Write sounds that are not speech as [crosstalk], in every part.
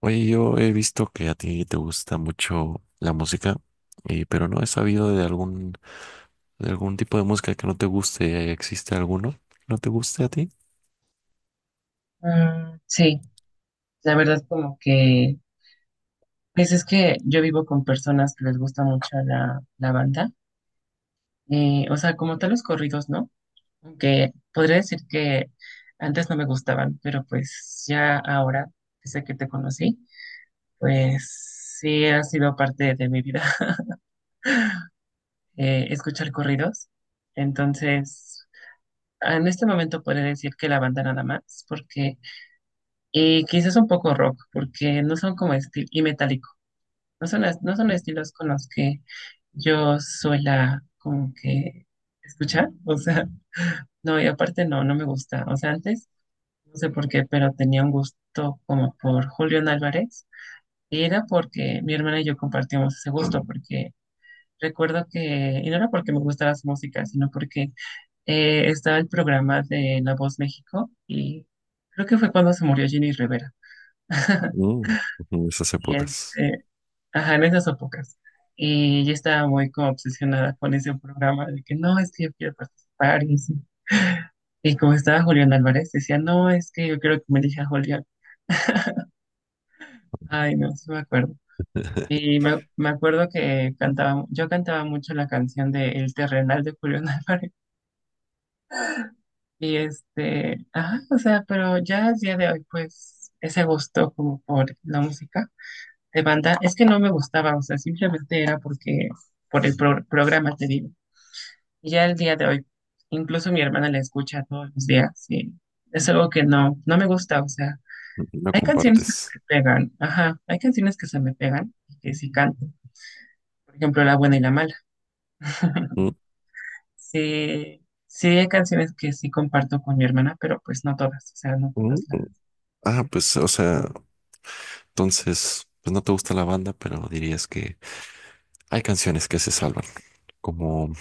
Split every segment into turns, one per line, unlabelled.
Oye, yo he visto que a ti te gusta mucho la música, pero no he sabido de algún tipo de música que no te guste. ¿Existe alguno que no te guste a ti?
Mm, sí, la verdad como que, pues es que yo vivo con personas que les gusta mucho la banda, o sea, como tal los corridos, ¿no? Aunque podría decir que antes no me gustaban, pero pues ya ahora, desde que te conocí, pues sí ha sido parte de mi vida [laughs] escuchar corridos. Entonces, en este momento podría decir que la banda nada más, porque, y quizás un poco rock, porque no son como estilo, y metálicos. No son, no son estilos con los que yo suela como que escuchar, [laughs] o sea, no, y aparte no, no me gusta, o sea, antes, no sé por qué, pero tenía un gusto como por Julián Álvarez, y era porque mi hermana y yo compartíamos ese gusto, porque recuerdo que, y no era porque me gustara su música, sino porque estaba el programa de La Voz México, y creo que fue cuando se murió Jenny Rivera. [laughs]
Mm, en esas
Y
épocas.
este, ajá, en esas épocas. Y yo estaba muy como obsesionada con ese programa de que no, es que yo quiero participar y así. Y como estaba Julián Álvarez, decía, no, es que yo quiero que me elija Julián. Ay, no, sí me acuerdo.
[laughs]
Y me acuerdo que cantaba, yo cantaba mucho la canción de El Terrenal de Julián [laughs] Álvarez. Y este, ajá, o sea, pero ya al día de hoy, pues, ese gusto como por la música de banda, es que no me gustaba, o sea, simplemente era porque, por el programa, te digo. Y ya el día de hoy, incluso mi hermana la escucha todos los días y es algo que no, no me gusta, o sea,
No
hay canciones que
compartes.
se me pegan, ajá, hay canciones que se me pegan y que sí canto, por ejemplo, La buena y la mala.
Mm,
[laughs] Sí, sí hay canciones que sí comparto con mi hermana, pero pues no todas, o sea, no
mm,
todas
mm.
las.
Ah, pues, o sea,
No.
entonces, pues no te gusta la banda, pero dirías que hay canciones que se salvan, como,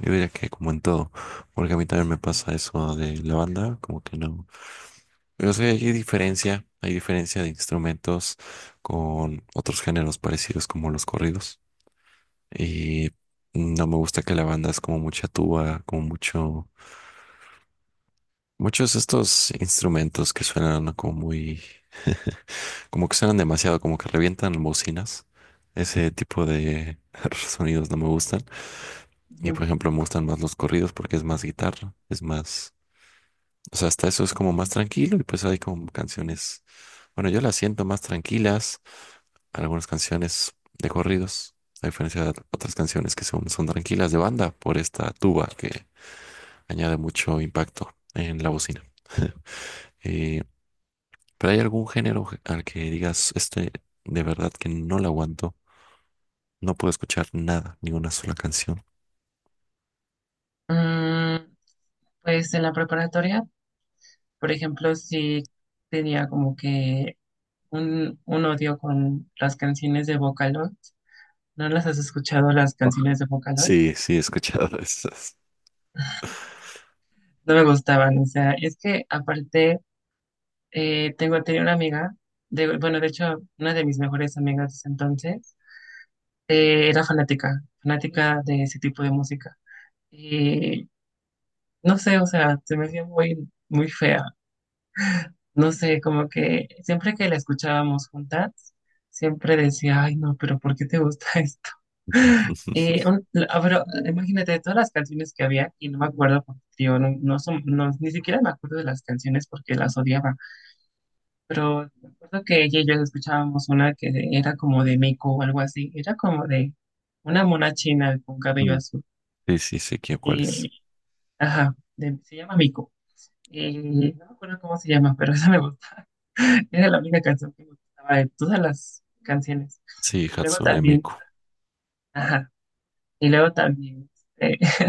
yo diría que como en todo, porque a mí también me pasa eso de la banda, como que no. O sea, hay diferencia de instrumentos con otros géneros parecidos como los corridos, y no me gusta que la banda es como mucha tuba, como mucho, muchos de estos instrumentos que suenan como muy. Como que suenan demasiado, como que revientan bocinas. Ese tipo de [laughs] sonidos no me gustan. Y
Ujú.
por ejemplo, me gustan más los corridos porque es más guitarra, es más. O sea, hasta eso es como más tranquilo y pues hay como canciones. Bueno, yo las siento más tranquilas, algunas canciones de corridos, a diferencia de otras canciones que son, son tranquilas de banda por esta tuba que añade mucho impacto en la bocina. Eh, pero hay algún género al que digas, este, de verdad que no lo aguanto. No puedo escuchar nada, ni una sola canción.
Mm, pues en la preparatoria, por ejemplo, sí tenía como que un odio con las canciones de Vocaloid. ¿No las has escuchado las
Oh,
canciones de Vocaloid?
sí, sí, he escuchado [laughs] esas.
No me gustaban, o sea, es que aparte tengo tenía una amiga, de, bueno, de hecho, una de mis mejores amigas de ese entonces, era fanática de ese tipo de música. Y no sé, o sea, se me hacía muy, muy fea. No sé, como que siempre que la escuchábamos juntas, siempre decía, ay, no, pero ¿por qué te gusta [laughs] esto?
Ujú.
Pero imagínate de todas las canciones que había y no me acuerdo porque tío, no, no, ni siquiera me acuerdo de las canciones porque las odiaba, pero me acuerdo que ella y yo escuchábamos una que era como de Meiko o algo así, era como de una mona china con cabello azul,
Sí, sí, sé quién, cuál es.
eh, ajá, se llama Miko. No me acuerdo cómo se llama, pero [laughs] esa me gusta, era la única canción que me gustaba de todas las canciones,
Sí,
y luego
Hatsune
también,
Miku.
ajá, y luego también. Este,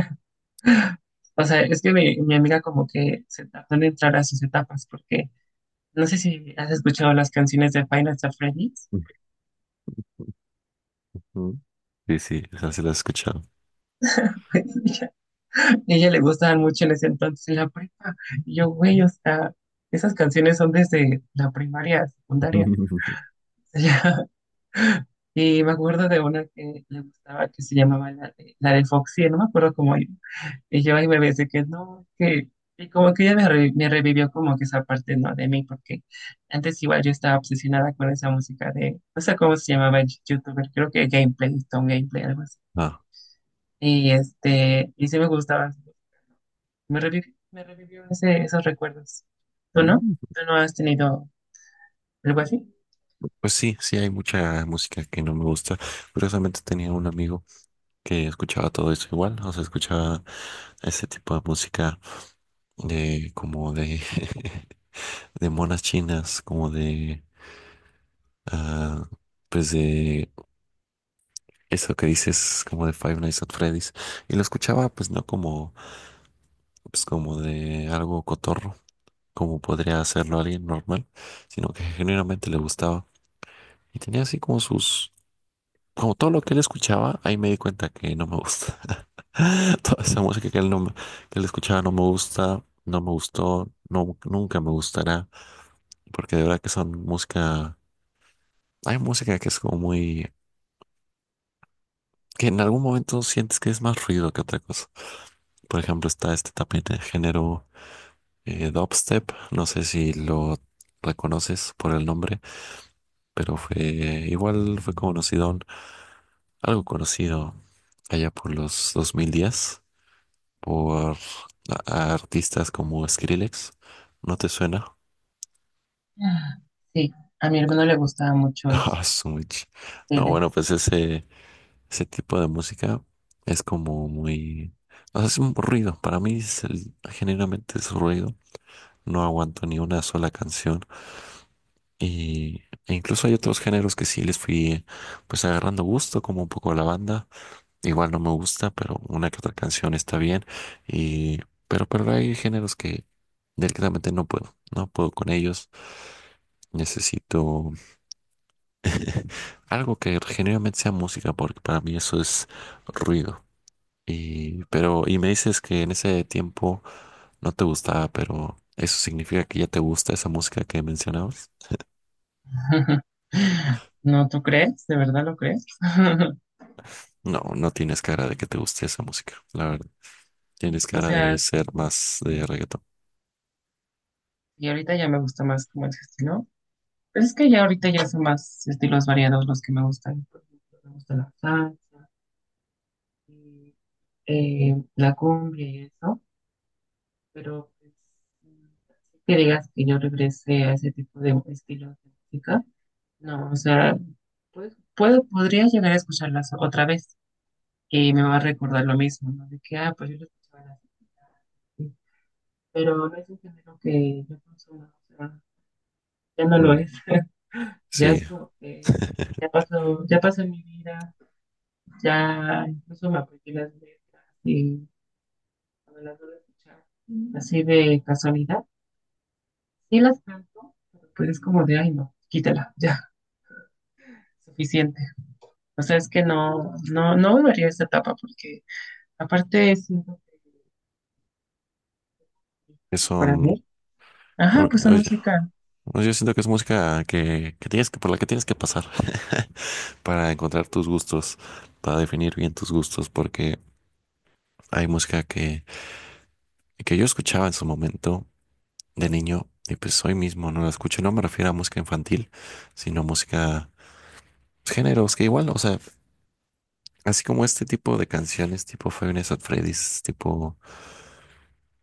o sea, es que mi amiga como que se tardó en entrar a sus etapas porque no sé si has escuchado las canciones de Five Nights at Freddy's.
Ujú. Sí, sí, esa se la he escuchado.
[laughs] Ella, Ella le gustaban mucho en ese entonces en la prepa. Y yo, güey, o sea, esas canciones son desde la primaria, secundaria.
[laughs] Ujú.
[laughs] O sea, y me acuerdo de una que le gustaba que se llamaba la de Foxy, no me acuerdo cómo. Y yo ahí me ves que no, que... Y como que ella me revivió como que esa parte, ¿no? De mí, porque antes igual yo estaba obsesionada con esa música de, no sé cómo se llamaba el youtuber, creo que Gameplay, Stone Gameplay, algo así.
Ah.
Y este, y sí me gustaba. Me revivió esos recuerdos. ¿Tú no?
Mm.
¿Tú no has tenido algo así?
Pues sí, sí hay mucha música que no me gusta. Curiosamente tenía un amigo que escuchaba todo eso igual, o sea, escuchaba ese tipo de música de como de [laughs] de monas chinas, como de, ah, pues de. Eso que dices como de Five Nights at Freddy's. Y lo escuchaba pues no como, pues, como de algo cotorro, como podría hacerlo alguien normal, sino que genuinamente le gustaba. Y tenía así como sus, como todo lo que él escuchaba, ahí me di cuenta que no me gusta. [laughs] Toda esa música que él, no, que él escuchaba no me gusta, no me gustó, no, nunca me gustará, porque de verdad que son música, hay música que es como muy, que en algún momento sientes que es más ruido que otra cosa. Por ejemplo, está este tapete de género. Dubstep, no sé si lo reconoces por el nombre, pero fue, igual fue conocido, algo conocido allá por los 2010 por a artistas como Skrillex. ¿No te suena?
Ah, sí, a mi hermano le gustaba
[laughs]
mucho ese,
Ah, su. No, bueno,
Felix.
pues ese tipo de música es como muy. O sea, es un ruido. Para mí es generalmente es ruido. No aguanto ni una sola canción. Y e incluso hay otros géneros que sí les fui pues agarrando gusto, como un poco la banda. Igual no me gusta, pero una que otra canción está bien. Y pero hay géneros que directamente no puedo, no puedo con ellos. Necesito algo que genuinamente sea música, porque para mí eso es ruido. Y pero y me dices que en ese tiempo no te gustaba, pero eso significa que ya te gusta esa música que mencionabas.
[laughs] No, ¿tú crees? ¿De verdad lo crees? [laughs]
No, no tienes cara de que te guste esa música, la verdad. Tienes
O
cara de
sea,
ser más de reggaetón.
y ahorita ya me gusta más como ese estilo. Pero es que ya ahorita ya son más estilos variados los que me gustan. Por ejemplo, me gusta la salsa, y, la cumbia y eso. Pero pues, así que digas que yo regrese a ese tipo de estilos de música. No, o sea, pues, puedo, podría llegar a escucharlas otra vez y me va a recordar lo mismo, ¿no? De que, ah, pues yo lo escuchaba en la secundaria, sí, pero no es un género que yo consumo, o sea, ya no lo
Mm,
es. Ya
sí,
es como que
[laughs]
ya pasó mi vida, ya incluso me aprendí las letras y cuando las vuelvo a escuchar. Mm. Así de casualidad. Sí las canto, pero pues es como de, ay no, quítala, [laughs] ya, suficiente. O sea, es que no, no, no volvería a esa etapa porque aparte siento
que
que para
son,
mí, ajá,
bueno,
pues son
oye,
música,
bueno, yo siento que es música que tienes que, por la que tienes que pasar [laughs] para encontrar tus gustos, para definir bien tus gustos, porque hay música que yo escuchaba en su momento de niño y pues hoy mismo no la escucho. No me refiero a música infantil, sino música, pues, géneros que igual, o sea. Así como este tipo de canciones, tipo Five Nights at Freddy's, tipo,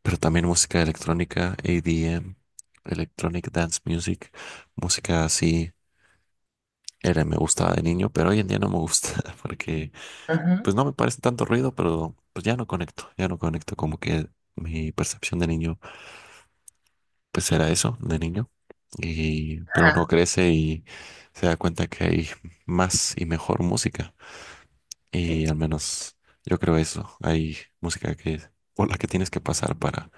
pero también música electrónica, EDM, Electronic Dance Music, música así, era, me gustaba de niño, pero hoy en día no me gusta, [laughs] porque
ajá,
pues no me parece tanto ruido, pero pues ya no conecto, como que mi percepción de niño, pues era eso, de niño, y, pero uno
ajá.
crece y se da cuenta que hay más y mejor música. Y al menos yo creo eso. Hay música que por la que tienes que pasar para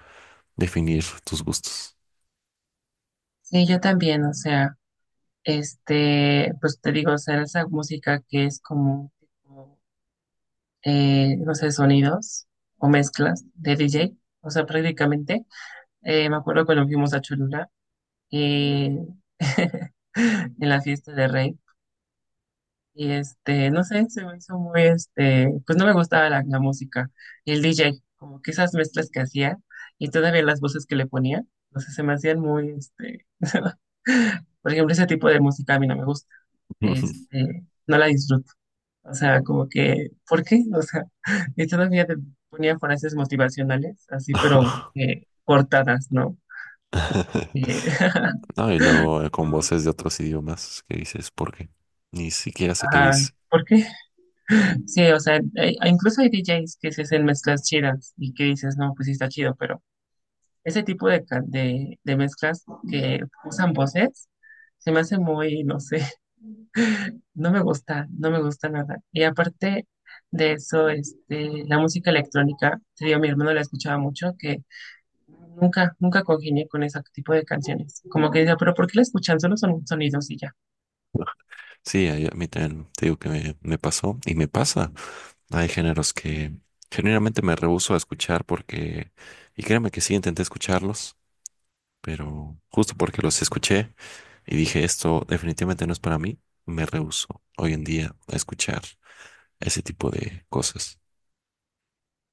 definir tus gustos.
Sí, yo también, o sea, este, pues te digo, o sea, esa música que es como... tipo no sé, sonidos o mezclas de DJ. O sea, prácticamente, me acuerdo cuando fuimos a Cholula y [laughs] en la fiesta de Rey. Y este, no sé, se me hizo muy, este, pues no me gustaba la música. Y el DJ, como que esas mezclas que hacía y todavía las voces que le ponía, no sé, se me hacían muy, este, [laughs] por ejemplo, ese tipo de música a mí no me gusta. Este, no la disfruto. O sea, como que, ¿por qué? O sea, [laughs] y todavía te ponía frases motivacionales, así, pero
[laughs]
cortadas, ¿no? Eh, [laughs]
No, y luego con
Como,
voces de otros idiomas que dices, ¿por qué? Ni siquiera sé qué
ajá,
dice.
¿por qué? Sí, o sea, incluso hay DJs que se hacen mezclas chidas y que dices, no, pues sí está chido, pero ese tipo de, de mezclas que usan voces se me hace muy, no sé, [laughs] no me gusta, no me gusta nada. Y aparte de eso, este, la música electrónica, te digo, mi hermano la escuchaba mucho. Nunca, nunca congenié con ese tipo de canciones. Como que decía, pero ¿por qué la escuchan? Solo son sonidos y ya.
Sí, a mí también te digo que me pasó y me pasa. Hay géneros que generalmente me rehúso a escuchar porque, y créeme que sí, intenté escucharlos, pero justo porque los escuché. Y dije, esto definitivamente no es para mí. Me rehúso hoy en día a escuchar ese tipo de cosas.